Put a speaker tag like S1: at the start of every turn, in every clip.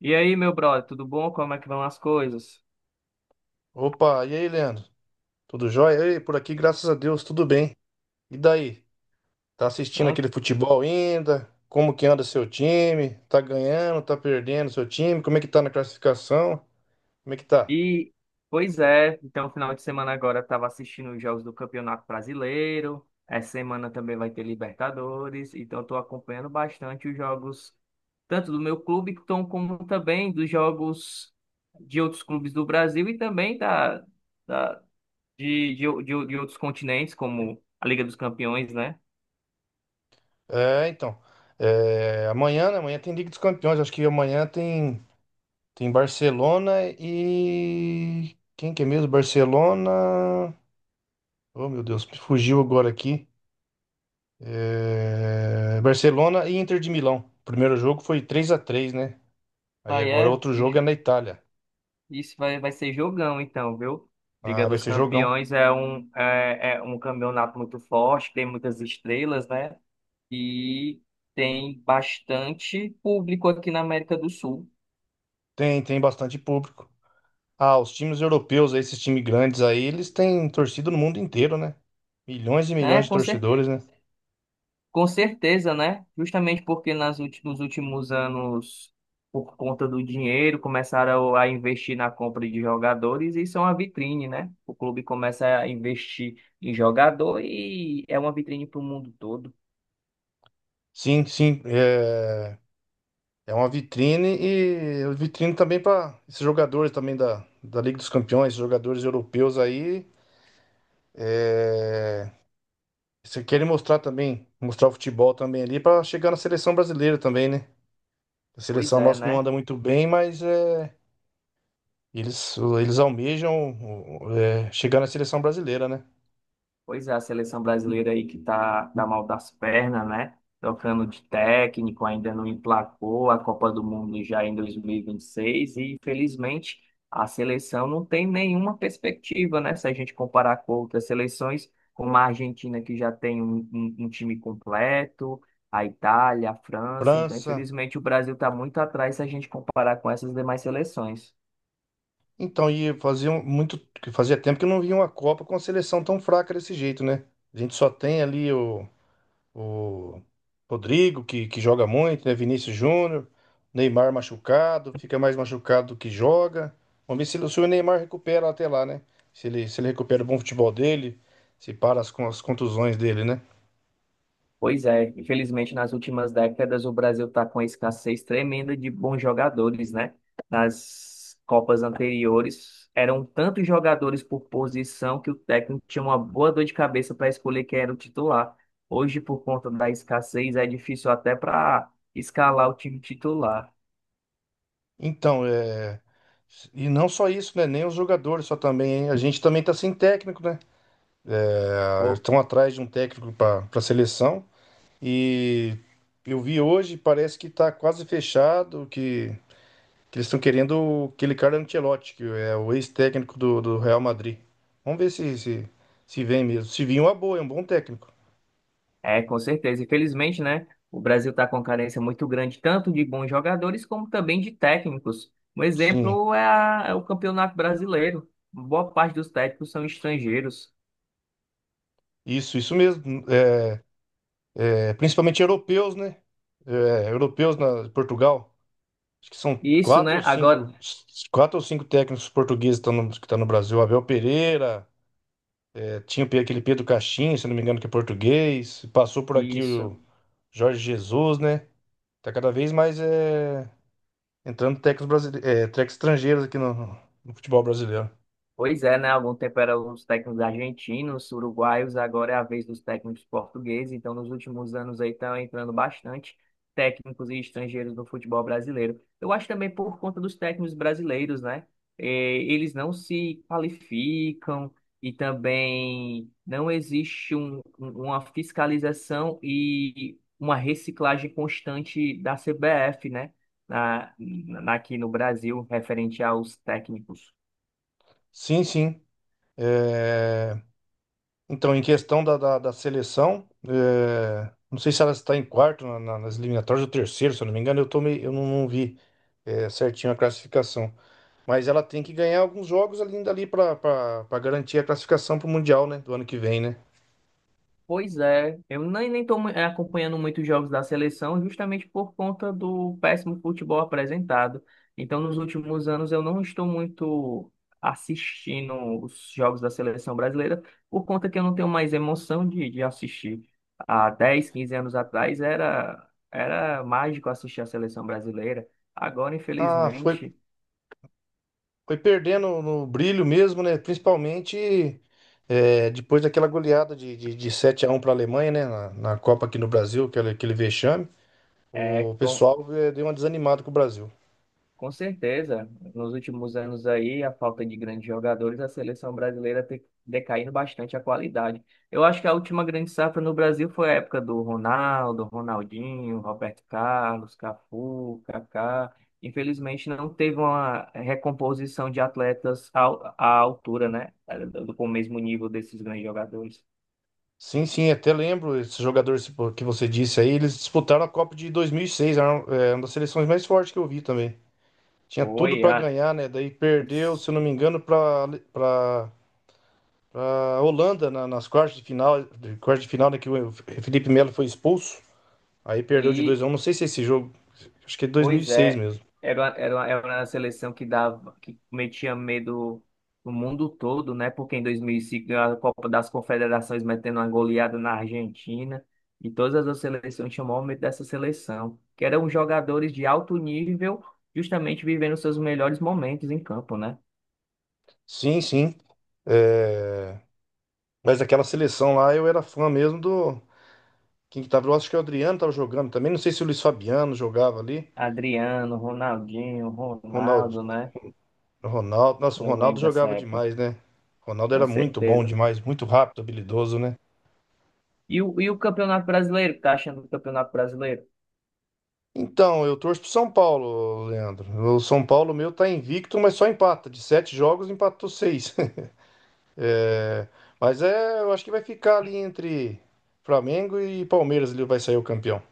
S1: E aí, meu brother, tudo bom? Como é que vão as coisas?
S2: Opa, e aí, Leandro? Tudo jóia? Ei, por aqui, graças a Deus, tudo bem. E daí? Tá assistindo
S1: Hã?
S2: aquele futebol ainda? Como que anda seu time? Tá ganhando, tá perdendo seu time? Como é que tá na classificação? Como é que tá?
S1: E, pois é, então, final de semana agora eu estava assistindo os jogos do Campeonato Brasileiro. Essa semana também vai ter Libertadores. Então, estou acompanhando bastante os jogos, tanto do meu clube, então, como também dos jogos de outros clubes do Brasil e também da, de, de de outros continentes, como a Liga dos Campeões, né?
S2: É, então. Amanhã, né? Amanhã tem Liga dos Campeões. Acho que amanhã tem Barcelona e. Quem que é mesmo? Barcelona. Oh, meu Deus, me fugiu agora aqui. É, Barcelona e Inter de Milão. O primeiro jogo foi três a três, né? Aí
S1: Daí
S2: agora
S1: é,
S2: outro jogo é na Itália.
S1: Isso vai ser jogão, então, viu?
S2: Ah,
S1: Liga
S2: vai
S1: dos
S2: ser jogão.
S1: Campeões é é um campeonato muito forte, tem muitas estrelas, né? E tem bastante público aqui na América do Sul,
S2: Tem bastante público. Ah, os times europeus, esses times grandes aí, eles têm torcida no mundo inteiro, né? Milhões e
S1: né?
S2: milhões de torcedores, né?
S1: Com certeza, né? Justamente porque nos últimos anos, por conta do dinheiro, começaram a investir na compra de jogadores e isso é uma vitrine, né? O clube começa a investir em jogador e é uma vitrine para o mundo todo.
S2: Sim, sim. É, é uma vitrine e é vitrine também para esses jogadores também da Liga dos Campeões, esses jogadores europeus aí. É, se querem mostrar também, mostrar o futebol também ali para chegar na seleção brasileira também, né? A
S1: Pois
S2: seleção
S1: é,
S2: nossa não
S1: né?
S2: anda muito bem, mas é. Eles almejam chegar na seleção brasileira, né?
S1: Pois é, a seleção brasileira aí que tá mal das pernas, né? Trocando de técnico, ainda não emplacou a Copa do Mundo já em 2026 e, vinte e seis e, infelizmente, a seleção não tem nenhuma perspectiva, né? Se a gente comparar com outras seleções, como a Argentina que já tem um time completo, a Itália, a França. Então,
S2: França.
S1: infelizmente, o Brasil está muito atrás se a gente comparar com essas demais seleções.
S2: Então, e fazia tempo que eu não via uma Copa com a seleção tão fraca desse jeito, né? A gente só tem ali o Rodrigo, que joga muito, né? Vinícius Júnior, Neymar machucado, fica mais machucado do que joga. Vamos ver se, se o Neymar recupera até lá, né? Se ele, se ele recupera o bom futebol dele, se para as, as contusões dele, né?
S1: Pois é, infelizmente nas últimas décadas o Brasil está com uma escassez tremenda de bons jogadores, né? Nas Copas anteriores eram tantos jogadores por posição que o técnico tinha uma boa dor de cabeça para escolher quem era o titular. Hoje, por conta da escassez, é difícil até para escalar o time titular.
S2: Então, é... e não só isso, né? Nem os jogadores, só também. A gente também tá sem técnico, né? Ah, estão atrás de um técnico para a seleção. E eu vi hoje, parece que tá quase fechado, que eles estão querendo aquele cara Ancelotti, que é o ex-técnico do Real Madrid. Vamos ver se vem mesmo. Se vir, é uma boa, é um bom técnico.
S1: É, com certeza. Infelizmente, né? O Brasil está com uma carência muito grande, tanto de bons jogadores como também de técnicos. Um
S2: Sim,
S1: exemplo é, é o Campeonato Brasileiro. Boa parte dos técnicos são estrangeiros.
S2: isso mesmo. É, principalmente europeus, né? É, europeus na Portugal. Acho que são
S1: Isso, né? Agora,
S2: quatro ou cinco técnicos portugueses que estão que estão no Brasil. Abel Pereira, tinha o aquele Pedro Caixinha, se não me engano, que é português. Passou por aqui
S1: isso.
S2: o Jorge Jesus, né? Tá cada vez mais entrando técnicos, brasileiros técnicos estrangeiros aqui no futebol brasileiro.
S1: Pois é, né? Há algum tempo eram os técnicos argentinos, uruguaios, agora é a vez dos técnicos portugueses. Então, nos últimos anos aí estão entrando bastante técnicos e estrangeiros no futebol brasileiro. Eu acho também por conta dos técnicos brasileiros, né? Eles não se qualificam e também não existe uma fiscalização e uma reciclagem constante da CBF, né? Aqui no Brasil, referente aos técnicos.
S2: Sim, sim. Eh, Então, em questão da seleção, não sei se ela está em quarto nas eliminatórias ou terceiro, se eu não me engano, eu, eu não vi certinho a classificação. Mas ela tem que ganhar alguns jogos ali, ainda ali pra pra garantir a classificação pro Mundial, né? Do ano que vem, né?
S1: Pois é, eu nem estou acompanhando muitos jogos da seleção justamente por conta do péssimo futebol apresentado. Então, nos últimos anos, eu não estou muito assistindo os jogos da seleção brasileira por conta que eu não tenho mais emoção de assistir. Há 10 15 anos atrás era mágico assistir a seleção brasileira. Agora,
S2: Ah,
S1: infelizmente,
S2: foi perdendo no brilho mesmo, né? Principalmente depois daquela goleada de 7x1 para a Alemanha, né? Na Copa aqui no Brasil, aquele vexame.
S1: é.
S2: O pessoal deu uma desanimada com o Brasil.
S1: Com certeza, nos últimos anos aí, a falta de grandes jogadores, a seleção brasileira tem decaído bastante a qualidade. Eu acho que a última grande safra no Brasil foi a época do Ronaldo, Ronaldinho, Roberto Carlos, Cafu, Kaká. Infelizmente, não teve uma recomposição de atletas à altura, né? Com o mesmo nível desses grandes jogadores.
S2: Sim, sim, até lembro esse jogador esse que você disse aí. Eles disputaram a Copa de 2006, era é uma das seleções mais fortes que eu vi também. Tinha tudo
S1: Foi
S2: para
S1: a...
S2: ganhar, né? Daí perdeu, se eu não me engano, para ah, a Holanda nas quartas de final, quartas de final, né, que o Felipe Melo foi expulso. Aí perdeu de 2 a
S1: E
S2: um. Não sei se é esse jogo, acho que é de dois mil e
S1: pois
S2: seis
S1: é,
S2: mesmo.
S1: era uma seleção que dava, que metia medo no mundo todo, né? Porque em 2005 ganhou a Copa das Confederações metendo uma goleada na Argentina e todas as outras seleções chamou medo dessa seleção, que eram jogadores de alto nível, justamente vivendo seus melhores momentos em campo, né?
S2: Sim, sim. É, mas aquela seleção lá eu era fã mesmo do quem que tava, eu acho que o Adriano tava jogando também, não sei se o Luiz Fabiano jogava ali.
S1: Adriano, Ronaldinho,
S2: Ronaldo,
S1: Ronaldo, né?
S2: Ronaldo, nossa, o
S1: Eu
S2: Ronaldo
S1: lembro dessa
S2: jogava
S1: época,
S2: demais, né? O Ronaldo
S1: com
S2: era muito bom
S1: certeza.
S2: demais, muito rápido, habilidoso, né?
S1: E o Campeonato Brasileiro, tá achando do Campeonato Brasileiro?
S2: Então, eu torço pro São Paulo, Leandro. O São Paulo meu tá invicto, mas só empata. De sete jogos, empatou seis. É, mas é, eu acho que vai ficar ali entre Flamengo e Palmeiras, ele vai sair o campeão.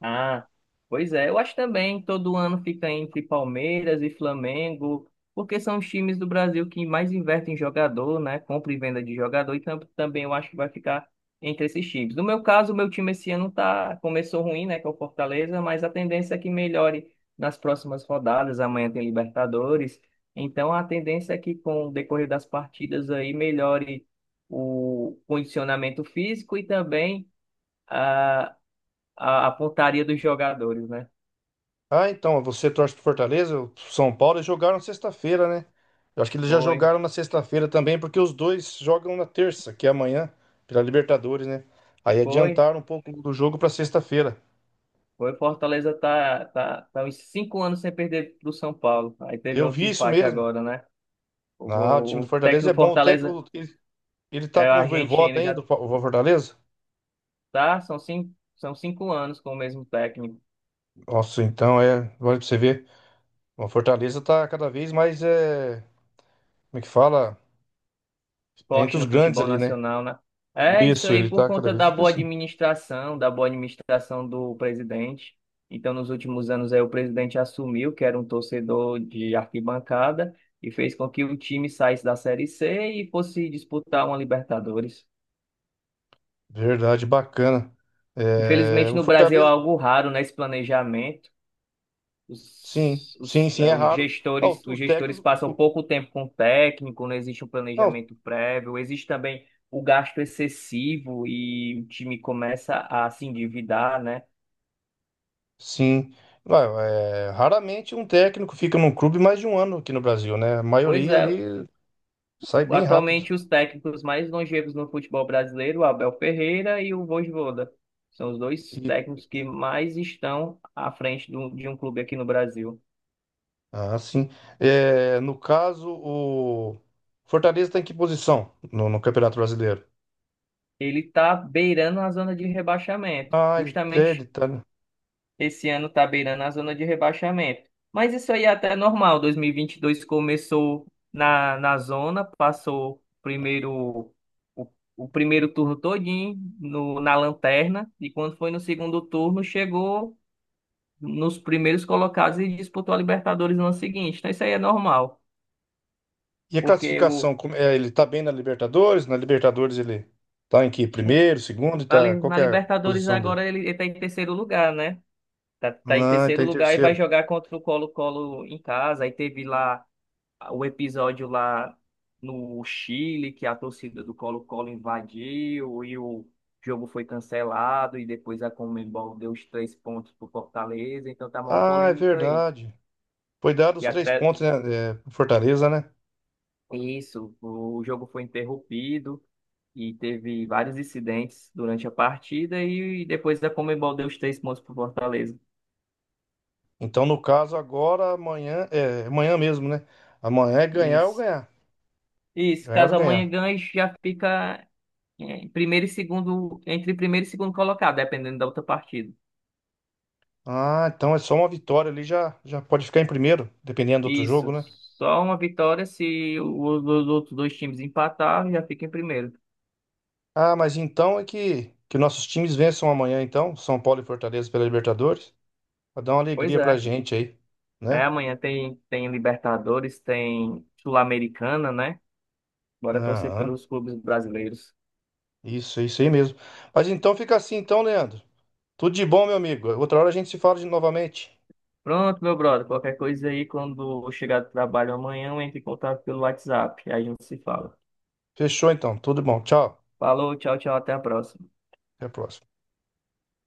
S1: Ah, pois é. Eu acho também que todo ano fica entre Palmeiras e Flamengo, porque são os times do Brasil que mais investem em jogador, né? Compra e venda de jogador, e também eu acho que vai ficar entre esses times. No meu caso, o meu time esse ano tá, começou ruim, né? Que é o Fortaleza, mas a tendência é que melhore nas próximas rodadas. Amanhã tem Libertadores. Então a tendência é que com o decorrer das partidas aí melhore o condicionamento físico e também a pontaria dos jogadores, né?
S2: Ah, então, você torce pro Fortaleza, o São Paulo, eles jogaram sexta-feira, né? Eu acho que eles já
S1: Foi,
S2: jogaram na sexta-feira também, porque os dois jogam na terça, que é amanhã, pela Libertadores, né? Aí
S1: foi,
S2: adiantaram um pouco do jogo pra sexta-feira.
S1: Foi. Fortaleza tá uns cinco anos sem perder pro São Paulo. Aí teve
S2: Eu
S1: outro
S2: vi isso
S1: empate
S2: mesmo.
S1: agora, né?
S2: Ah, o time do
S1: O técnico
S2: Fortaleza é
S1: do
S2: bom. O
S1: Fortaleza
S2: técnico, ele tá
S1: é o
S2: com o Voivoda
S1: argentino, já
S2: ainda, o o Fortaleza?
S1: tá, são cinco anos com o mesmo técnico.
S2: Nossa, então é, olha pra você ver. O Fortaleza tá cada vez mais é, como é que fala? É entre
S1: Esporte
S2: os
S1: no
S2: grandes
S1: futebol
S2: ali, né?
S1: nacional, né? É isso
S2: Isso,
S1: aí,
S2: ele
S1: por
S2: tá cada
S1: conta
S2: vez crescendo.
S1: da boa administração do presidente. Então, nos últimos anos, aí, o presidente assumiu que era um torcedor de arquibancada e fez com que o time saísse da Série C e fosse disputar uma Libertadores.
S2: Verdade, bacana. É,
S1: Infelizmente,
S2: o
S1: no Brasil é
S2: Fortaleza,
S1: algo raro, né, esse planejamento.
S2: sim, sim, sim, é raro. Ó,
S1: Os
S2: os
S1: gestores
S2: técnicos,
S1: passam pouco tempo com o técnico, não existe um
S2: não,
S1: planejamento prévio, existe também o gasto excessivo e o time começa a se endividar, né?
S2: sim. Vai, é, raramente um técnico fica num clube mais de um ano aqui no Brasil, né? A
S1: Pois
S2: maioria
S1: é,
S2: ali sai bem rápido.
S1: atualmente os técnicos mais longevos no futebol brasileiro, o Abel Ferreira e o Vojvoda, são os dois
S2: E-
S1: técnicos que mais estão à frente de um clube aqui no Brasil.
S2: ah, sim. É, no caso, o Fortaleza tá em que posição no Campeonato Brasileiro?
S1: Ele está beirando a zona de rebaixamento,
S2: Ah, ele, é, ele
S1: justamente
S2: tá.
S1: esse ano tá beirando a zona de rebaixamento. Mas isso aí é até normal. 2022 começou na zona, passou primeiro o, o primeiro turno todinho no, na lanterna e quando foi no segundo turno chegou nos primeiros colocados e disputou a Libertadores no ano seguinte. Então isso aí é normal,
S2: E a
S1: porque o
S2: classificação, é, ele tá bem na Libertadores? Na Libertadores ele tá em que? Primeiro, segundo, e tá, qual
S1: Na
S2: que é a
S1: Libertadores
S2: posição dele?
S1: agora ele tá em terceiro lugar, né? Tá em
S2: Ah, ele tá
S1: terceiro
S2: em
S1: lugar e vai
S2: terceiro.
S1: jogar contra o Colo-Colo em casa. Aí teve lá o episódio lá no Chile, que a torcida do Colo-Colo invadiu e o jogo foi cancelado, e depois a Conmebol deu os três pontos para o Fortaleza, então tá uma
S2: Ah, é
S1: polêmica aí.
S2: verdade. Foi dado
S1: E
S2: os três
S1: até
S2: pontos, né, é, pro Fortaleza, né?
S1: isso, o jogo foi interrompido e teve vários incidentes durante a partida, e depois a Conmebol deu os três pontos para o Fortaleza.
S2: Então, no caso, agora, é, amanhã mesmo, né? Amanhã é ganhar ou
S1: Isso.
S2: ganhar.
S1: Isso,
S2: Ganhar ou
S1: caso amanhã
S2: ganhar.
S1: ganhe, já fica em primeiro e segundo, entre primeiro e segundo colocado, dependendo da outra partida.
S2: Ah, então é só uma vitória ali, já pode ficar em primeiro, dependendo do outro
S1: Isso.
S2: jogo, né?
S1: Só uma vitória se os outros dois times empatarem, já fica em primeiro.
S2: Ah, mas então é que nossos times vençam amanhã, então, São Paulo e Fortaleza pela Libertadores. Pra dar uma
S1: Pois
S2: alegria pra
S1: é.
S2: gente aí,
S1: É,
S2: né?
S1: amanhã tem Libertadores, tem Sul-Americana, né? Bora torcer
S2: Aham.
S1: pelos clubes brasileiros.
S2: Isso aí mesmo. Mas então fica assim, então, Leandro. Tudo de bom, meu amigo. Outra hora a gente se fala de novamente.
S1: Pronto, meu brother. Qualquer coisa aí, quando eu chegar do trabalho amanhã, eu entro em contato pelo WhatsApp. Aí a gente se fala.
S2: Fechou, então. Tudo de bom. Tchau.
S1: Falou, tchau, tchau, até a próxima.
S2: Até a próxima.